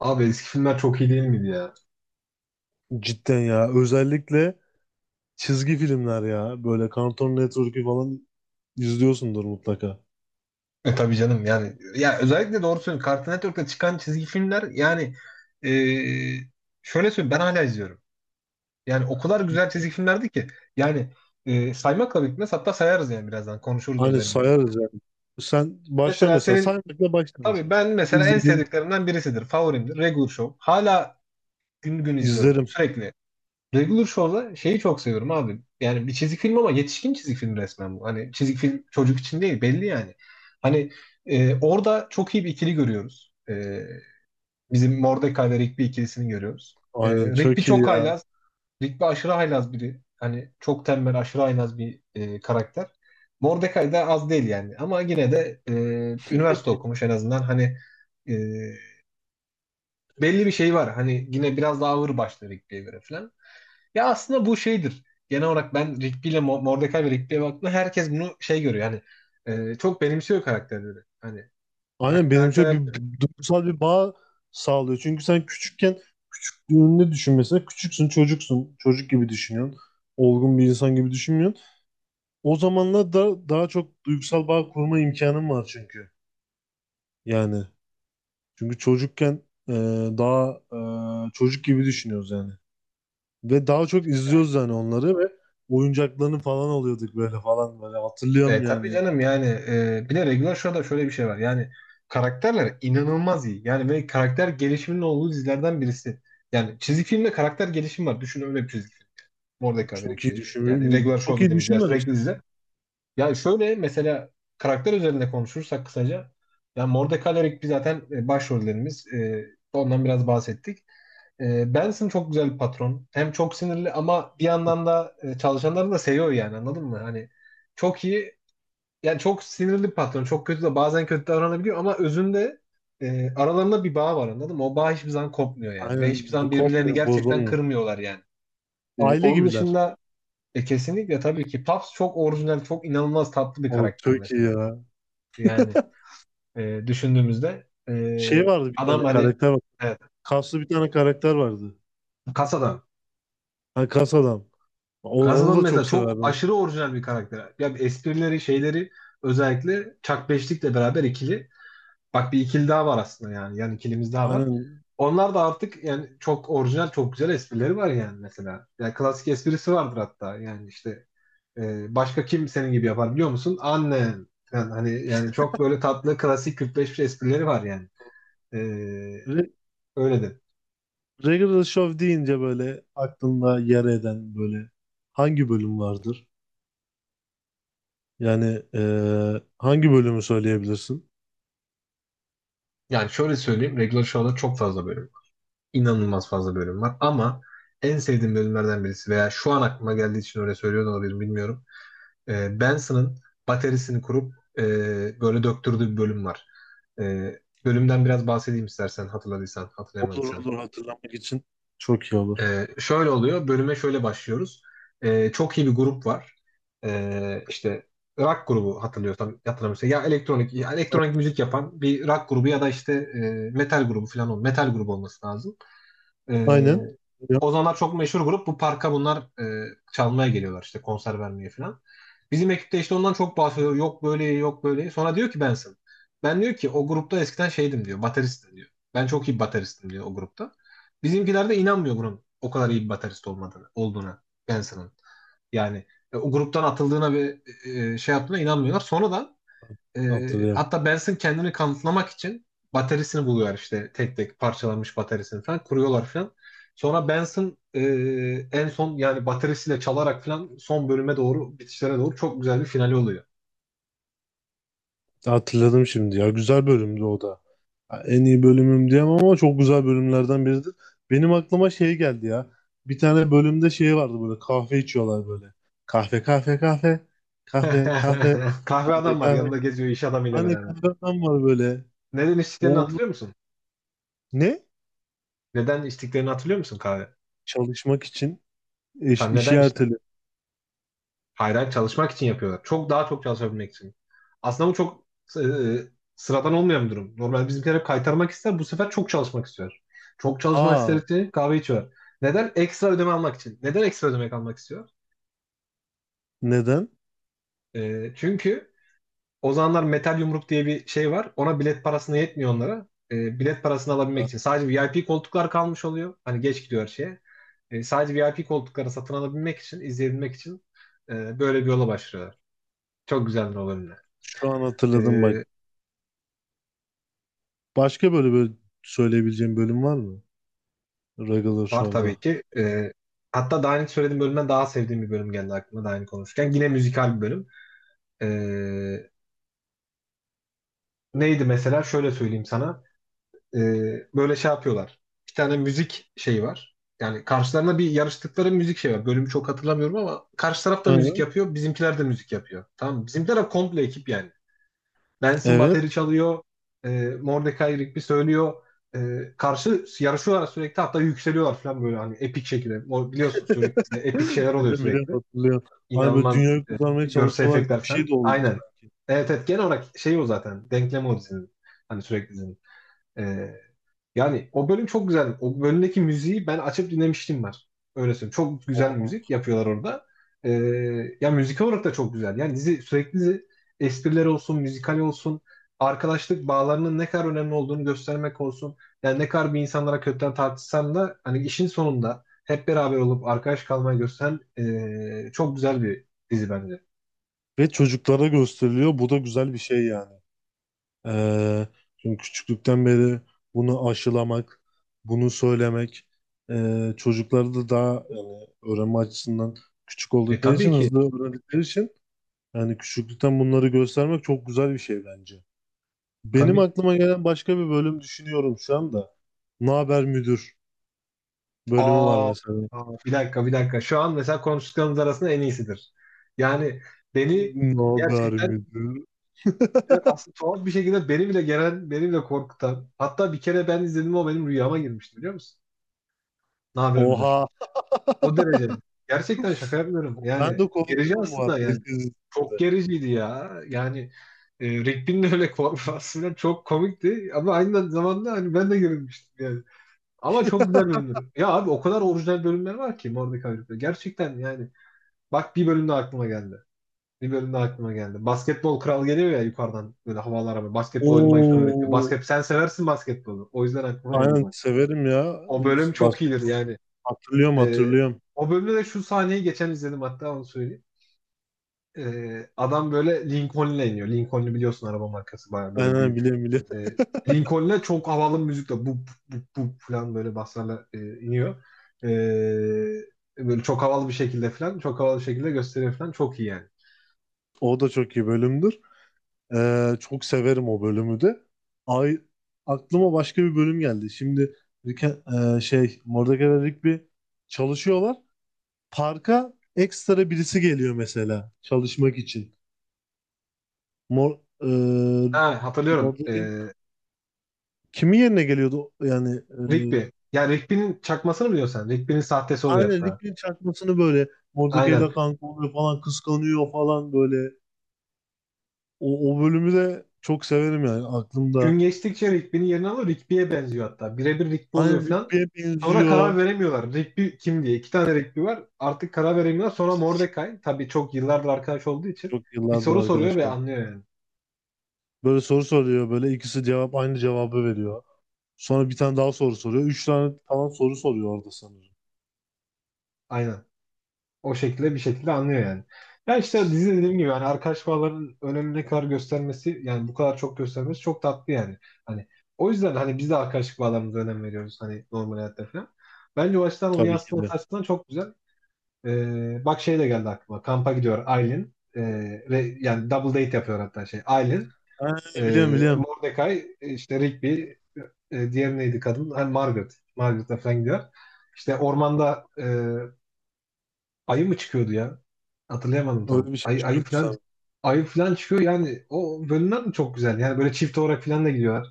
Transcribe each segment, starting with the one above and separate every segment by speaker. Speaker 1: Abi eski filmler çok iyi değil miydi ya?
Speaker 2: Cidden ya. Özellikle çizgi filmler ya. Böyle Cartoon Network'ü falan izliyorsundur mutlaka.
Speaker 1: Tabii canım, yani ya özellikle doğru söylüyorsun. Cartoon Network'ta çıkan çizgi filmler, yani e, şöyle söyleyeyim, ben hala izliyorum. Yani o kadar güzel çizgi filmlerdi ki, yani saymakla bitmez, hatta sayarız, yani birazdan konuşuruz
Speaker 2: Hani
Speaker 1: özelinde.
Speaker 2: sayarız yani. Sen başla
Speaker 1: Mesela
Speaker 2: mesela.
Speaker 1: senin
Speaker 2: Saymakla başla
Speaker 1: Tabii
Speaker 2: mesela.
Speaker 1: ben mesela, en
Speaker 2: İzledin.
Speaker 1: sevdiklerimden birisidir. Favorimdir. Regular Show. Hala gün gün izliyorum
Speaker 2: İzlerim.
Speaker 1: sürekli. Duygu Duruşoğlu'na şeyi çok seviyorum abi. Yani bir çizik film, ama yetişkin çizik film resmen bu. Hani çizik film çocuk için değil, belli yani. Hani orada çok iyi bir ikili görüyoruz. Bizim Mordecai ve Rigby ikilisini görüyoruz.
Speaker 2: Aynen
Speaker 1: Rigby
Speaker 2: çok iyi
Speaker 1: çok
Speaker 2: ya.
Speaker 1: haylaz. Rigby aşırı haylaz biri. Hani çok tembel, aşırı haylaz bir karakter. Mordecai da az değil yani. Ama yine de üniversite okumuş en azından. Hani e, belli bir şey var. Hani yine biraz daha ağır başlı Rigby'ye göre falan. Ya aslında bu şeydir. Genel olarak ben Rigby ile Mordecai ve Rigby'ye baktığımda herkes bunu şey görüyor. Yani çok benimsiyor karakterleri. Hani
Speaker 2: Aynen benim şöyle
Speaker 1: karakterler
Speaker 2: bir duygusal bir bağ sağlıyor. Çünkü sen küçükken küçüklüğünde düşün mesela. Küçüksün, çocuksun. Çocuk gibi düşünüyorsun. Olgun bir insan gibi düşünmüyorsun. O zamanlar da daha çok duygusal bağ kurma imkanın var çünkü. Yani. Çünkü çocukken e, daha çocuk gibi düşünüyoruz yani. Ve daha çok
Speaker 1: yani,
Speaker 2: izliyoruz yani onları ve oyuncaklarını falan alıyorduk böyle falan böyle hatırlıyorum
Speaker 1: tabii
Speaker 2: yani.
Speaker 1: canım, yani bir de regular show'da şöyle bir şey var. Yani karakterler inanılmaz iyi. Yani ve karakter gelişiminin olduğu dizilerden birisi. Yani çizgi filmde karakter gelişimi var. Düşün öyle bir çizgi film. Mordecai ve
Speaker 2: Çok
Speaker 1: Rigby.
Speaker 2: iyi
Speaker 1: Yani
Speaker 2: düşünmüyorum.
Speaker 1: regular
Speaker 2: Çok
Speaker 1: show
Speaker 2: iyi
Speaker 1: dediğimiz ya, sürekli
Speaker 2: düşünmemiştim.
Speaker 1: dizi. Yani şöyle mesela, karakter üzerinde konuşursak kısaca. Yani Mordecai Eric bir zaten başrollerimiz. Ondan biraz bahsettik. Benson çok güzel bir patron. Hem çok sinirli, ama bir yandan da çalışanlarını da seviyor yani, anladın mı? Hani çok iyi, yani çok sinirli bir patron. Çok kötü de, bazen kötü davranabiliyor, ama özünde aralarında bir bağ var, anladın mı? O bağ hiçbir zaman kopmuyor yani. Ve
Speaker 2: Aynen
Speaker 1: hiçbir zaman
Speaker 2: bu
Speaker 1: birbirlerini
Speaker 2: kopmuyor,
Speaker 1: gerçekten
Speaker 2: bozulmuyor.
Speaker 1: kırmıyorlar yani.
Speaker 2: Aile
Speaker 1: Onun
Speaker 2: gibiler.
Speaker 1: dışında kesinlikle tabii ki Puffs çok orijinal, çok inanılmaz tatlı bir
Speaker 2: O
Speaker 1: karakter
Speaker 2: çok iyi
Speaker 1: mesela.
Speaker 2: ya.
Speaker 1: Yani düşündüğümüzde
Speaker 2: Şey vardı bir
Speaker 1: adam
Speaker 2: tane
Speaker 1: hani,
Speaker 2: karakter var.
Speaker 1: evet,
Speaker 2: Kaslı bir tane karakter vardı.
Speaker 1: kasadan.
Speaker 2: Ha, kas adam. Onu
Speaker 1: Kasadan
Speaker 2: da çok
Speaker 1: mesela çok
Speaker 2: severdim.
Speaker 1: aşırı orijinal bir karakter. Ya esprileri, şeyleri, özellikle Chuck Beşlik'le beraber ikili. Bak bir ikili daha var aslında yani. Yani ikilimiz daha var.
Speaker 2: Aynen.
Speaker 1: Onlar da artık yani çok orijinal, çok güzel esprileri var yani mesela. Yani klasik esprisi vardır hatta. Yani işte başka kim senin gibi yapar biliyor musun? Annen. Yani hani yani çok böyle tatlı, klasik 45 esprileri var yani. E,
Speaker 2: Re
Speaker 1: Öyle de.
Speaker 2: Regular Show deyince böyle aklında yer eden böyle hangi bölüm vardır? Yani hangi bölümü söyleyebilirsin?
Speaker 1: Yani şöyle söyleyeyim. Regular Show'da çok fazla bölüm var. İnanılmaz fazla bölüm var. Ama en sevdiğim bölümlerden birisi, veya şu an aklıma geldiği için öyle söylüyor da olabilirim bilmiyorum. Benson'ın baterisini kurup böyle döktürdüğü bir bölüm var. Bölümden biraz bahsedeyim istersen, hatırladıysan,
Speaker 2: Olur
Speaker 1: hatırlayamadıysan.
Speaker 2: olur hatırlamak için. Çok iyi olur.
Speaker 1: Şöyle oluyor, bölüme şöyle başlıyoruz. Çok iyi bir grup var. İşte rock grubu, hatırlıyorsam hatırlamıyorsam, ya elektronik, ya elektronik
Speaker 2: A-
Speaker 1: müzik yapan bir rock grubu, ya da işte metal grubu falan, metal grubu olması lazım. Ee,
Speaker 2: Aynen. Ya,
Speaker 1: O zamanlar çok meşhur grup. Bu parka bunlar çalmaya geliyorlar, işte konser vermeye falan. Bizim ekipte işte ondan çok bahsediyor. Yok böyle, yok böyle. Sonra diyor ki Benson. Ben diyor ki, o grupta eskiden şeydim diyor. Bateristim diyor. Ben çok iyi bir bateristim diyor o grupta. Bizimkiler de inanmıyor bunun o kadar iyi bir baterist olmadığını, olduğuna Benson'ın. Yani o gruptan atıldığına ve şey yaptığına inanmıyorlar. Sonradan
Speaker 2: Hatırlıyorum.
Speaker 1: hatta Benson kendini kanıtlamak için bataryasını buluyor, işte tek tek parçalanmış bataryasını falan kuruyorlar falan. Sonra Benson, en son yani bataryasıyla çalarak falan, son bölüme doğru, bitişlere doğru çok güzel bir finali oluyor.
Speaker 2: Hatırladım şimdi ya. Güzel bölümdü o da. Ya, en iyi bölümüm diyemem ama çok güzel bölümlerden biridir. Benim aklıma şey geldi ya. Bir tane bölümde şey vardı böyle kahve içiyorlar böyle. Kahve kahve kahve. Kahve kahve
Speaker 1: Kahve
Speaker 2: kahve
Speaker 1: adam var,
Speaker 2: kahve.
Speaker 1: yanında geziyor iş adamıyla
Speaker 2: Hani
Speaker 1: beraber.
Speaker 2: kahveden var böyle.
Speaker 1: Neden içtiklerini
Speaker 2: O onu
Speaker 1: hatırlıyor musun?
Speaker 2: ne?
Speaker 1: Neden içtiklerini hatırlıyor musun, kahve?
Speaker 2: Çalışmak için
Speaker 1: Tam
Speaker 2: işi
Speaker 1: neden
Speaker 2: erteli.
Speaker 1: Hayır, hayır, çalışmak için yapıyorlar. Çok daha çok çalışabilmek için. Aslında bu çok e, e, sıradan olmayan bir durum. Normal bizimkiler hep kaytarmak ister. Bu sefer çok çalışmak istiyor. Çok çalışmak
Speaker 2: Aa
Speaker 1: istedikleri kahve içiyor. Neden? Ekstra ödeme almak için. Neden ekstra ödeme almak istiyor?
Speaker 2: neden?
Speaker 1: Çünkü o zamanlar metal yumruk diye bir şey var. Ona bilet parasını yetmiyor onlara. Bilet parasını alabilmek için. Sadece VIP koltuklar kalmış oluyor. Hani geç gidiyor her şeye. Sadece VIP koltukları satın alabilmek için, izleyebilmek için böyle bir yola başlıyorlar. Çok güzeldir o bölümler.
Speaker 2: Şu an
Speaker 1: E,
Speaker 2: hatırladım bak. Başka böyle böyle söyleyebileceğim bölüm var mı? Regular
Speaker 1: Var tabii
Speaker 2: Show'da.
Speaker 1: ki. Hatta daha önce söylediğim bölümden daha sevdiğim bir bölüm geldi aklıma, daha önce konuşurken. Yine müzikal bir bölüm. Ee, Neydi mesela? Şöyle söyleyeyim sana. Ee, Böyle şey yapıyorlar. Bir tane müzik şeyi var. Yani karşılarına bir yarıştıkları müzik şey var. Bölümü çok hatırlamıyorum, ama karşı taraf da müzik
Speaker 2: Aynen.
Speaker 1: yapıyor. Bizimkiler de müzik yapıyor. Tamam mı? Bizimkiler de komple ekip yani. Benson
Speaker 2: Evet.
Speaker 1: bateri çalıyor. E, Mordecai Rigby söylüyor. E, Karşı yarışıyorlar sürekli, hatta yükseliyorlar falan, böyle hani epik şekilde. O, biliyorsun sürekli de epik şeyler oluyor
Speaker 2: Biliyorum biliyorum
Speaker 1: sürekli.
Speaker 2: hatırlıyorum. Hani böyle
Speaker 1: İnanılmaz
Speaker 2: dünyayı kurtarmaya
Speaker 1: görsel
Speaker 2: çalışıyorlar gibi
Speaker 1: efektler
Speaker 2: bir
Speaker 1: falan.
Speaker 2: şey de oluyordu
Speaker 1: Aynen.
Speaker 2: sanki.
Speaker 1: Evet, evet, genel olarak şey o zaten. Denklem o dizinin. Hani sürekli dizinin. E, Yani o bölüm çok güzel. O bölümdeki müziği ben açıp dinlemiştim, var. Öyle söyleyeyim. Çok güzel müzik
Speaker 2: Aa.
Speaker 1: yapıyorlar orada. Ee, Ya müzik olarak da çok güzel. Yani dizi, sürekli dizi, esprileri olsun, müzikal olsun, arkadaşlık bağlarının ne kadar önemli olduğunu göstermek olsun. Yani ne kadar bir insanlara kötüden tartışsan da, hani işin sonunda hep beraber olup arkadaş kalmayı gösteren çok güzel bir dizi bence.
Speaker 2: Ve çocuklara gösteriliyor. Bu da güzel bir şey yani. Ee, Çünkü küçüklükten beri bunu aşılamak, bunu söylemek, çocukları da daha yani öğrenme açısından küçük
Speaker 1: E
Speaker 2: oldukları
Speaker 1: tabii
Speaker 2: için,
Speaker 1: ki.
Speaker 2: hızlı öğrendikleri için yani küçüklükten bunları göstermek çok güzel bir şey bence. Benim
Speaker 1: Tabii.
Speaker 2: aklıma gelen başka bir bölüm düşünüyorum şu anda. Ne haber müdür bölümü var
Speaker 1: Aa,
Speaker 2: mesela.
Speaker 1: aa, bir dakika, bir dakika. Şu an mesela konuştuklarımız arasında en iyisidir. Yani beni
Speaker 2: Ne haber
Speaker 1: gerçekten
Speaker 2: müdür?
Speaker 1: aslında tuhaf bir şekilde beni bile gelen, beni bile korkutan. Hatta bir kere ben izledim, o benim rüyama girmişti biliyor musun? Ne haber müdür?
Speaker 2: Oha.
Speaker 1: O derece. Gerçekten şaka yapmıyorum.
Speaker 2: Ben
Speaker 1: Yani
Speaker 2: de
Speaker 1: gerici
Speaker 2: korkuyordum bu
Speaker 1: aslında
Speaker 2: arada
Speaker 1: yani.
Speaker 2: ilk
Speaker 1: Çok
Speaker 2: izlediğimde.
Speaker 1: gericiydi ya. Yani Rigby'nin öyle korkması falan çok komikti. Ama aynı zamanda hani ben de gerilmiştim. Ama çok güzel bölümler. Ya abi, o kadar orijinal bölümler var ki Mordecai'de. Gerçekten yani. Bak, bir bölümde aklıma geldi. Bir bölümde aklıma geldi. Basketbol kral geliyor ya, yukarıdan böyle havalara, böyle basketbol oynamayı falan öğretiyor.
Speaker 2: Oo.
Speaker 1: Basket, sen seversin basketbolu. O yüzden aklıma geldi,
Speaker 2: Aynen
Speaker 1: bak.
Speaker 2: severim ya.
Speaker 1: O bölüm çok iyidir
Speaker 2: Basketbol
Speaker 1: yani.
Speaker 2: hatırlıyorum
Speaker 1: Ee,
Speaker 2: hatırlıyorum.
Speaker 1: O bölümde de şu sahneyi geçen izledim hatta, onu söyleyeyim. Adam böyle Lincoln'le iniyor. Lincoln'u biliyorsun, araba markası, bayağı böyle
Speaker 2: Aynen
Speaker 1: büyük.
Speaker 2: biliyorum biliyorum.
Speaker 1: E, Lincoln'le çok havalı müzikle bu, bu falan, böyle baslarla iniyor. E, Böyle çok havalı bir şekilde falan, çok havalı bir şekilde gösteriyor falan, çok iyi yani.
Speaker 2: O da çok iyi bölümdür. Çok severim o bölümü de. Ay, aklıma başka bir bölüm geldi. Şimdi Rick, şey Mordecai ve Rigby çalışıyorlar. Parka ekstra birisi geliyor mesela çalışmak için. Mor, e,
Speaker 1: Ha Hatırlıyorum.
Speaker 2: Mordecai- Kimin yerine geliyordu yani
Speaker 1: Rigby. Yani Rigby'nin çakmasını biliyorsun sen. Rigby'nin sahtesi oluyor
Speaker 2: aynen
Speaker 1: hatta.
Speaker 2: Rick'in çakmasını böyle
Speaker 1: Aynen.
Speaker 2: Mordecai'yle kanka oluyor falan kıskanıyor falan böyle. O bölümü de çok severim yani
Speaker 1: Gün
Speaker 2: aklımda.
Speaker 1: geçtikçe Rigby'nin yerini alıyor. Rigby'ye benziyor hatta. Birebir Rigby
Speaker 2: Aynen
Speaker 1: oluyor falan.
Speaker 2: Rigby'ye
Speaker 1: Sonra karar
Speaker 2: benziyor.
Speaker 1: veremiyorlar. Rigby kim diye. İki tane Rigby var. Artık karar veremiyorlar. Sonra Mordecai. Tabii çok yıllardır arkadaş olduğu için.
Speaker 2: Çok
Speaker 1: Bir
Speaker 2: yıllardır
Speaker 1: soru soruyor ve
Speaker 2: arkadaşım.
Speaker 1: anlıyor yani.
Speaker 2: Böyle soru soruyor böyle ikisi cevap aynı cevabı veriyor. Sonra bir tane daha soru soruyor. Üç tane falan soru soruyor orada sanırım.
Speaker 1: Aynen. O şekilde bir şekilde anlıyor yani. Ya işte dizi, dediğim gibi hani arkadaş bağlarının önemini ne kadar göstermesi, yani bu kadar çok göstermesi çok tatlı yani. Hani o yüzden hani biz de arkadaşlık bağlarımıza önem veriyoruz hani normal hayatta falan. Bence o açıdan onu
Speaker 2: Tabii ki de.
Speaker 1: yansıtması açısından çok güzel. Bak şey de geldi aklıma. Kampa gidiyor Aylin. Yani double date yapıyor hatta şey. Aylin,
Speaker 2: Ha, biliyorum biliyorum.
Speaker 1: Mordecai, işte Rigby, diğer neydi kadın? Hani Margaret. Margaret'la falan gidiyor. İşte ormanda ayı mı çıkıyordu ya? Hatırlayamadım tam.
Speaker 2: Öyle bir şey çıkıyordu sana.
Speaker 1: Ayı falan çıkıyor yani, o bölümler de çok güzel. Yani böyle çift olarak falan da gidiyorlar.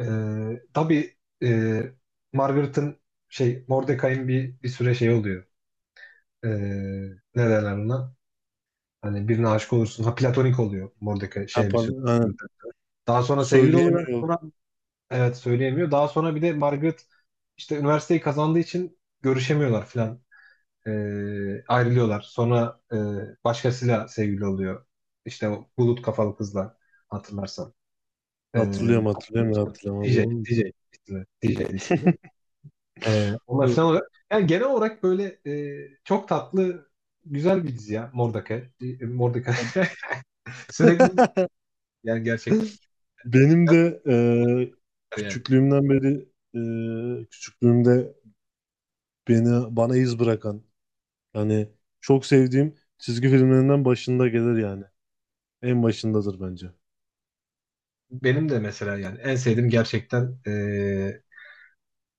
Speaker 1: Tabii e, Margaret'ın şey, Mordecai'nin bir süre şey oluyor. Ee, Ne derler ona? Hani birine aşık olursun. Ha, platonik oluyor Mordecai
Speaker 2: Ha,
Speaker 1: şey, bir süre.
Speaker 2: pardon, ha,
Speaker 1: Daha sonra sevgili oluyor.
Speaker 2: söyleyemiyor.
Speaker 1: Sonra evet, söyleyemiyor. Daha sonra bir de Margaret işte üniversiteyi kazandığı için görüşemiyorlar falan. E, Ayrılıyorlar. Sonra başkasıyla sevgili oluyor. İşte o bulut kafalı kızla hatırlarsan. E,
Speaker 2: Hatırlıyorum
Speaker 1: Hatırlıyor
Speaker 2: hatırlıyorum ya,
Speaker 1: musun? DJ,
Speaker 2: hatırlamadım oğlum.
Speaker 1: DJ ismi. DJ ismi. Onlar falan olarak. Yani genel olarak böyle çok tatlı, güzel bir dizi ya. Mordecai. Mordecai. Sürekli yani, gerçekten.
Speaker 2: Benim de
Speaker 1: Yani
Speaker 2: küçüklüğümden beri küçüklüğümde beni bana iz bırakan yani çok sevdiğim çizgi filmlerinden başında gelir yani. En başındadır bence.
Speaker 1: Benim de mesela yani en sevdiğim, gerçekten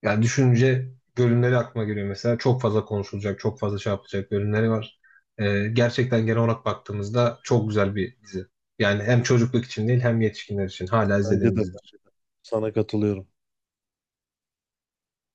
Speaker 1: yani düşünce bölümleri aklıma geliyor mesela. Çok fazla konuşulacak, çok fazla şey yapılacak bölümleri var. Gerçekten genel olarak baktığımızda çok güzel bir dizi. Yani hem çocukluk için değil, hem yetişkinler için hala
Speaker 2: Bence de
Speaker 1: izlediğimiz
Speaker 2: ben
Speaker 1: dizi.
Speaker 2: sana katılıyorum.